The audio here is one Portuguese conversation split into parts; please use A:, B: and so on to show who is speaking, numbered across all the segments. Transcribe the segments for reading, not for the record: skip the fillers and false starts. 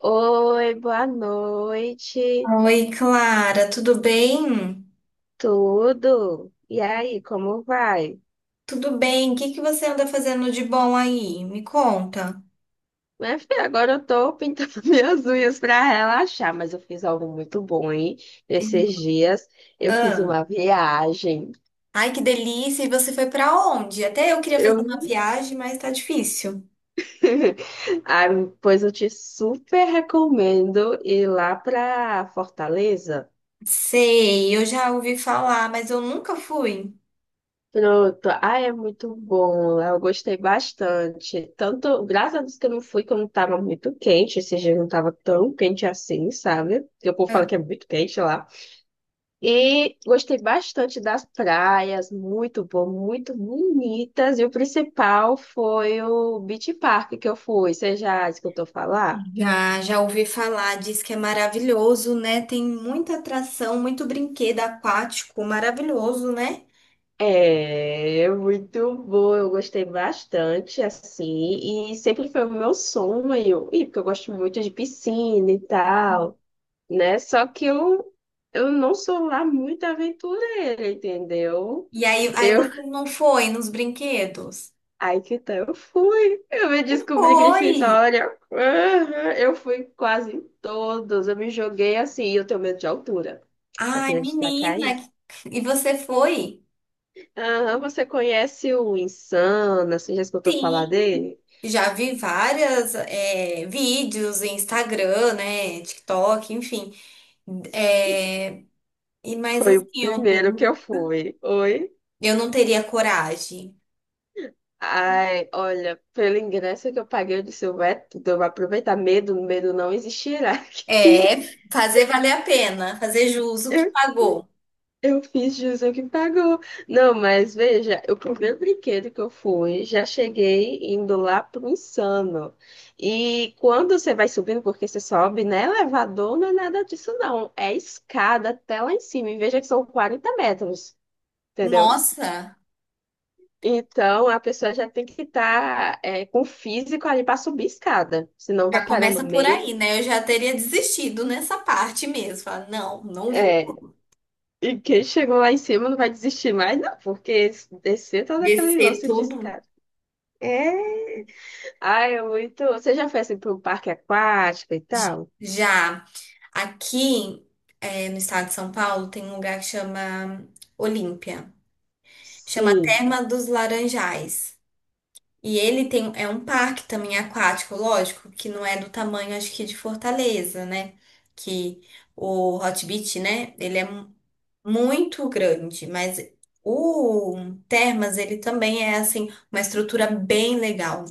A: Oi, boa noite,
B: Oi, Clara, tudo bem?
A: tudo? E aí, como vai?
B: Tudo bem. O que que você anda fazendo de bom aí? Me conta.
A: Minha filha, agora eu tô pintando minhas unhas pra relaxar, mas eu fiz algo muito bom, hein?
B: Uhum.
A: Esses dias eu fiz
B: Ah,
A: uma viagem.
B: ai, que delícia! E você foi pra onde? Até eu queria
A: Eu...
B: fazer uma viagem, mas tá difícil.
A: Ah, pois eu te super recomendo ir lá pra Fortaleza.
B: Sei, eu já ouvi falar, mas eu nunca fui.
A: Pronto. Ah, é muito bom. Lá eu gostei bastante. Tanto, graças a Deus que eu não fui quando tava muito quente. Esse dia não tava tão quente assim, sabe? Porque o povo fala
B: Ah.
A: que é muito quente lá. E gostei bastante das praias. Muito bom, muito bonitas. E o principal foi o Beach Park que eu fui. Você já escutou falar?
B: Já, já ouvi falar, diz que é maravilhoso, né? Tem muita atração, muito brinquedo aquático, maravilhoso, né?
A: É muito bom, eu gostei bastante, assim, e sempre foi o meu sonho, e porque eu gosto muito de piscina e tal, né? Só que eu não sou lá muito aventureira, entendeu?
B: E aí
A: Eu,
B: você não foi nos brinquedos?
A: aí que tá, eu fui, eu me descobri
B: Foi!
A: Grifinória. Aham, eu fui quase em todos, eu me joguei assim, e eu tenho medo de altura, só
B: Ai,
A: queria destacar
B: menina,
A: isso.
B: e você foi?
A: Aham, você conhece o Insana, você já escutou falar
B: Sim.
A: dele?
B: Já vi várias vídeos em Instagram, né, TikTok, enfim.
A: E
B: É, e mas
A: foi
B: assim,
A: o
B: eu
A: primeiro
B: não,
A: que eu fui. Oi?
B: eu não teria coragem.
A: Ai, olha, pelo ingresso que eu paguei, eu disse, eu é tudo, eu vou aproveitar. Medo, medo não existirá aqui.
B: É, fazer valer a pena, fazer jus o que
A: Eu,
B: pagou.
A: eu fiz jus ao que pagou. Não, mas veja, o primeiro brinquedo que eu fui, já cheguei indo lá pro Insano. E quando você vai subindo, porque você sobe, né? Elevador não é nada disso, não. É escada até lá em cima. E veja que são 40 metros, entendeu?
B: Nossa,
A: Então, a pessoa já tem que estar com o físico ali para subir escada, senão vai
B: já
A: parar no
B: começa por
A: meio.
B: aí, né? Eu já teria desistido nessa parte mesmo. Falar, não, não vou
A: É, e quem chegou lá em cima não vai desistir mais, não, porque descer todo aquele
B: descer
A: lance de
B: tudo.
A: escada. É, ai, é muito. Você já foi assim para um parque aquático e tal?
B: Já. Aqui, no estado de São Paulo, tem um lugar que chama Olímpia. Chama
A: Sim.
B: Terma dos Laranjais. E ele tem, é um parque também aquático, lógico, que não é do tamanho, acho que, de Fortaleza, né? Que o Hot Beach, né? Ele é muito grande, mas o Termas, ele também é, assim, uma estrutura bem legal.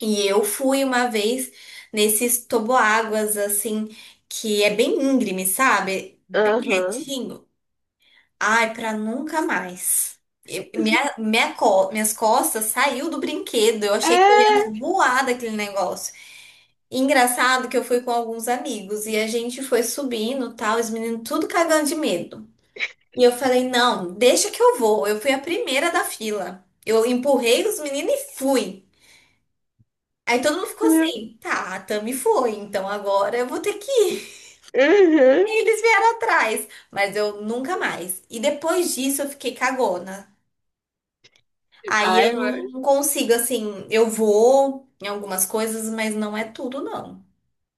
B: E eu fui uma vez nesses toboáguas, assim, que é bem íngreme, sabe? Bem
A: Aham.
B: retinho. Ai, pra nunca mais. Minhas costas saiu do brinquedo. Eu achei que eu ia
A: É,
B: voar daquele negócio. E engraçado que eu fui com alguns amigos e a gente foi subindo, tal, os meninos tudo cagando de medo. E eu falei, não, deixa que eu vou. Eu fui a primeira da fila. Eu empurrei os meninos e fui. Aí todo mundo ficou
A: meu.
B: assim, tá, a Tami foi, então agora eu vou ter que ir.
A: Uhum.
B: Aí eles vieram atrás, mas eu nunca mais. E depois disso eu fiquei cagona. Aí eu
A: Ai, mano.
B: não consigo, assim, eu vou em algumas coisas, mas não é tudo, não.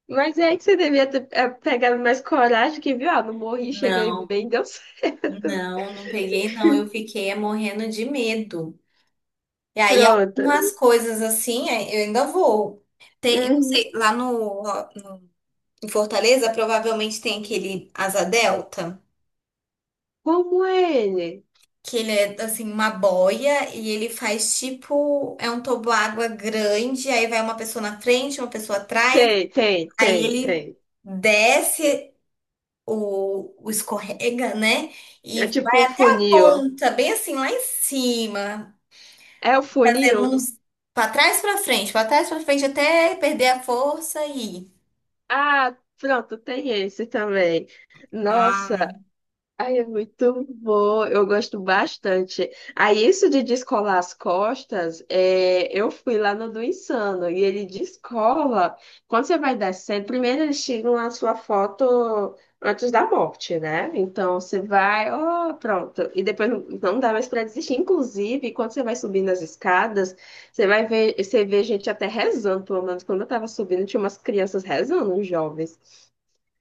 A: Mas é que você devia ter é, pegado mais coragem que viu, ah, não morri, cheguei
B: Não,
A: bem, deu certo.
B: não, não peguei, não. Eu fiquei morrendo de medo. E aí
A: Pronto.
B: algumas coisas assim, é, eu ainda vou. Tem, eu não
A: Uhum.
B: sei, lá no, em Fortaleza provavelmente tem aquele Asa Delta.
A: Como é ele?
B: Que ele é assim uma boia e ele faz tipo é um toboágua grande, aí vai uma pessoa na frente, uma pessoa atrás,
A: Sei, tem,
B: aí
A: tem,
B: ele
A: tem.
B: desce o escorrega, né? E
A: É tipo o
B: vai até a
A: funil.
B: ponta, bem assim lá em cima,
A: É o
B: fazendo
A: funil?
B: uns para trás para frente, para trás para frente até perder a força e
A: Ah, pronto, tem esse também. Nossa.
B: ai,
A: Ai, é muito bom, eu gosto bastante. Aí, isso de descolar as costas, é, eu fui lá no do Insano, e ele descola, quando você vai descendo, primeiro eles tiram a sua foto antes da morte, né? Então, você vai, ó, pronto, e depois não, não dá mais para desistir. Inclusive, quando você vai subindo as escadas, você vai ver, você vê gente até rezando, pelo menos quando eu tava subindo, tinha umas crianças rezando, uns jovens.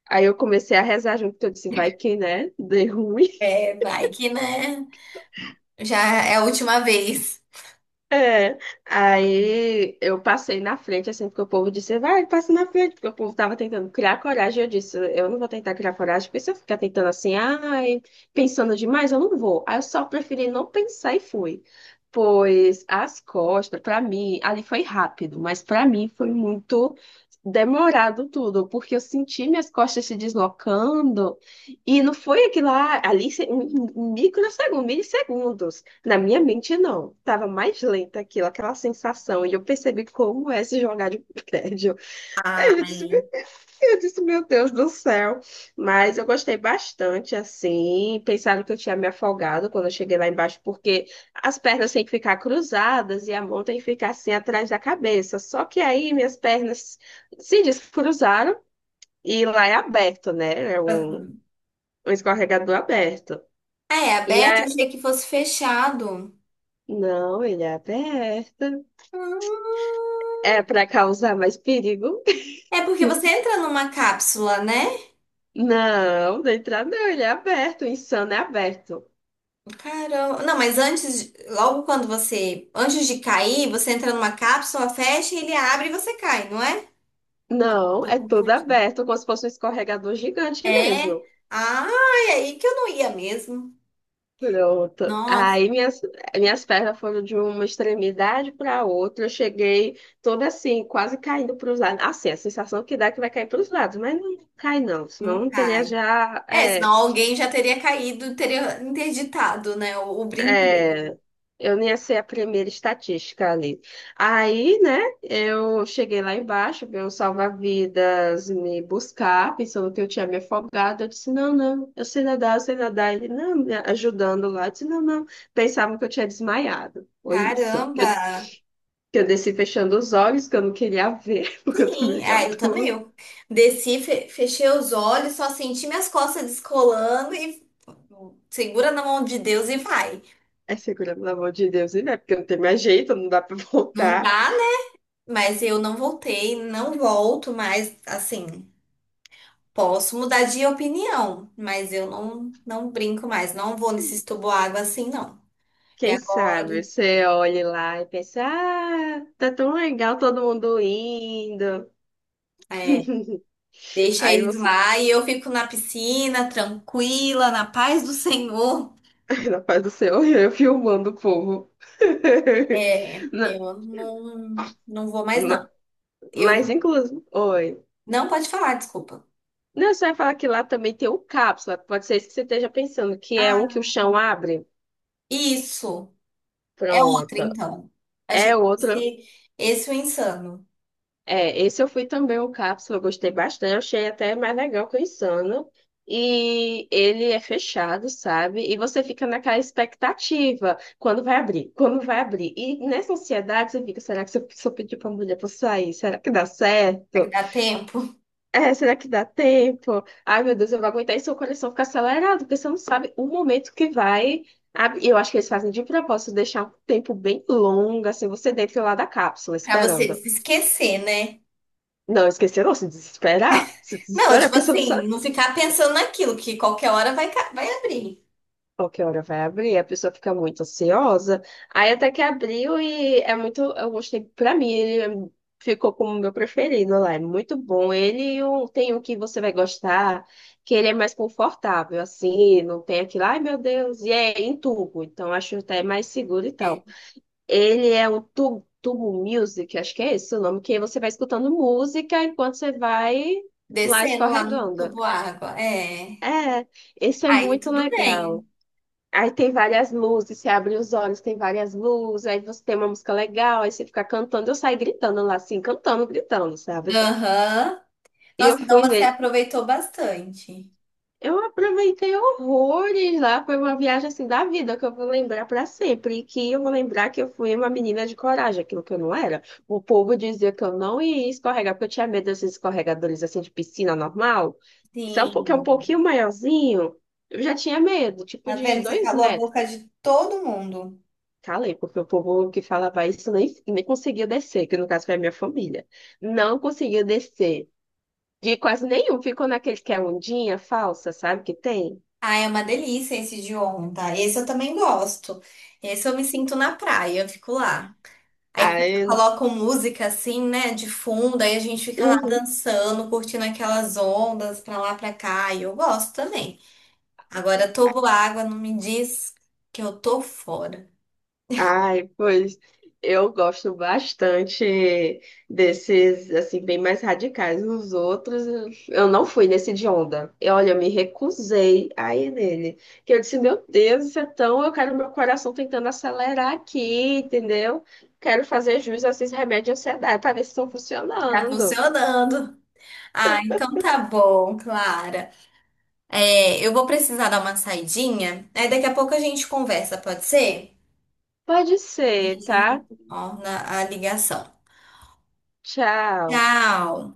A: Aí eu comecei a rezar junto, eu disse, vai que, né, dê ruim.
B: é, vai que né? Já é a última vez.
A: É, aí eu passei na frente, assim, porque o povo disse, vai, passa na frente, porque o povo tava tentando criar coragem, eu disse, eu não vou tentar criar coragem, porque se eu ficar tentando assim, ai, pensando demais, eu não vou. Aí eu só preferi não pensar e fui. Pois as costas, pra mim, ali foi rápido, mas pra mim foi muito demorado tudo, porque eu senti minhas costas se deslocando, e não foi aquilo lá, ali, em em microsegundos, milissegundos. Na minha mente, não. Tava mais lenta aquilo, aquela sensação. E eu percebi como é se jogar de prédio. Aí eu disse, "Meu
B: Ai.
A: Deus", eu disse, meu Deus do céu. Mas eu gostei bastante, assim. Pensaram que eu tinha me afogado quando eu cheguei lá embaixo, porque as pernas têm que ficar cruzadas e a mão tem que ficar assim atrás da cabeça. Só que aí minhas pernas se descruzaram e lá é aberto, né? É um escorregador aberto.
B: Ah, é
A: E
B: aberto, eu
A: a...
B: achei que fosse fechado.
A: Não, ele é aberto.
B: Ah.
A: É para causar mais perigo?
B: É porque você
A: Isso.
B: entra numa cápsula, né?
A: Não, da entrada não, ele é aberto, o Insano é aberto.
B: Caramba. Não, mas antes, logo quando você, antes de cair, você entra numa cápsula, fecha, ele abre e você cai, não é?
A: Não,
B: Tô
A: é todo
B: confundindo.
A: aberto, como se fosse um escorregador gigante
B: É.
A: mesmo.
B: Ah, é aí que eu não ia mesmo.
A: Pronto.
B: Nossa,
A: Aí minhas, minhas pernas foram de uma extremidade para outra. Eu cheguei toda assim, quase caindo para os lados. Assim, a sensação que dá é que vai cair para os lados, mas não cai não, senão
B: não
A: eu teria
B: cai.
A: já
B: É,
A: é,
B: senão alguém já teria caído, teria interditado, né, o brinquedo.
A: É, eu não ia ser a primeira estatística ali. Aí, né, eu cheguei lá embaixo, veio um salva-vidas me buscar, pensando que eu tinha me afogado. Eu disse, não, não, eu sei nadar, eu sei nadar. Ele, não, me ajudando lá. Eu disse, não, não. Pensavam que eu tinha desmaiado. Foi isso.
B: Caramba.
A: Que eu desci fechando os olhos, que eu não queria ver, porque eu tô
B: Sim,
A: meio de
B: ah, eu também.
A: altura.
B: Eu desci, fechei os olhos, só senti minhas costas descolando e segura na mão de Deus e vai.
A: É segura, pelo amor de Deus, e não é porque eu não tenho mais jeito, não dá pra
B: Não
A: voltar.
B: dá, né? Mas eu não voltei, não volto mais, assim, posso mudar de opinião, mas eu não, não brinco mais, não vou nesses tubo água assim, não. E
A: Quem
B: agora,
A: sabe você olhe lá e pensa, ah, tá tão legal todo mundo indo.
B: é, deixa
A: Aí
B: eles
A: você,
B: lá e eu fico na piscina, tranquila, na paz do Senhor.
A: na paz do céu, eu filmando o povo.
B: É,
A: Na-
B: eu não, não vou mais,
A: ma-
B: não. Eu
A: Mas, inclusive, oi.
B: não pode falar, desculpa.
A: Não, você vai falar que lá também tem o cápsula. Pode ser isso que você esteja pensando, que é um que o
B: Ah,
A: chão abre.
B: isso. É outra,
A: Pronto.
B: então.
A: É
B: Achei que
A: outro.
B: fosse esse o insano.
A: É, esse eu fui também o Cápsula, eu gostei bastante, eu achei até mais legal que o Insano. E ele é fechado, sabe? E você fica naquela expectativa, quando vai abrir, quando vai abrir. E nessa ansiedade você fica, será que se eu, se eu pedir pra mulher pra sair, será que dá
B: Será que
A: certo?
B: dá tempo?
A: É, será que dá tempo? Ai, meu Deus, eu vou aguentar e seu coração fica acelerado, porque você não sabe o momento que vai abrir. Eu acho que eles fazem de propósito deixar um tempo bem longo, assim, você dentro lá da cápsula,
B: Pra você
A: esperando.
B: se esquecer, né?
A: Não, esquecer não, se desesperar. Se
B: Não,
A: desesperar,
B: tipo
A: porque você não
B: assim,
A: sabe
B: não ficar pensando naquilo, que qualquer hora vai, vai abrir.
A: qual que hora vai abrir, a pessoa fica muito ansiosa. Aí até que abriu e é muito. Eu gostei, pra mim, ele ficou como o meu preferido lá. É muito bom. Ele e o- tem um que você vai gostar, que ele é mais confortável, assim, não tem aquilo, ai meu Deus, e é em tubo, então acho até mais seguro e
B: É.
A: tal. Ele é o tubo, tubo Music, acho que é esse o nome, que você vai escutando música enquanto você vai lá
B: Descendo lá no
A: escorregando.
B: tubo água. É.
A: É, isso é
B: Aí
A: muito
B: tudo
A: legal.
B: bem.
A: Aí tem várias luzes, você abre os olhos, tem várias luzes, aí você tem uma música legal, aí você fica cantando, eu saí gritando lá, assim, cantando, gritando, sabe?
B: Aham.
A: E eu
B: Nossa, então
A: fui
B: você
A: nele.
B: aproveitou bastante.
A: Eu aproveitei horrores lá, foi uma viagem assim da vida que eu vou lembrar para sempre, e que eu vou lembrar que eu fui uma menina de coragem, aquilo que eu não era. O povo dizia que eu não ia escorregar, porque eu tinha medo desses escorregadores assim de piscina normal, que é um
B: Sim.
A: pouquinho maiorzinho. Eu já tinha medo, tipo
B: Tá
A: de
B: vendo? Você
A: dois
B: calou a
A: metros.
B: boca de todo mundo.
A: Calei, porque o povo que falava isso nem conseguia descer, que no caso foi a minha família. Não conseguia descer. De quase nenhum. Ficou naquele que é ondinha falsa, sabe que tem?
B: Ah, é uma delícia esse de onda. Esse eu também gosto. Esse eu me sinto na praia, eu fico lá. Aí
A: Aí,
B: colocam música assim, né, de fundo, aí a gente fica lá
A: uhum.
B: dançando, curtindo aquelas ondas pra lá, pra cá, e eu gosto também. Agora, tobo água, não me diz que eu tô fora.
A: Ai, pois eu gosto bastante desses, assim, bem mais radicais. Os outros, eu não fui nesse de onda. E olha, eu me recusei a ir nele. Que eu disse, meu Deus, isso é tão. Eu quero meu coração tentando acelerar aqui, entendeu? Quero fazer jus a esses remédios de ansiedade para ver se estão
B: Tá
A: funcionando.
B: funcionando. Ah, então tá bom, Clara. É, eu vou precisar dar uma saidinha, aí daqui a pouco a gente conversa, pode ser?
A: Pode
B: A
A: ser,
B: gente
A: tá?
B: retorna a ligação.
A: Tchau.
B: Tchau!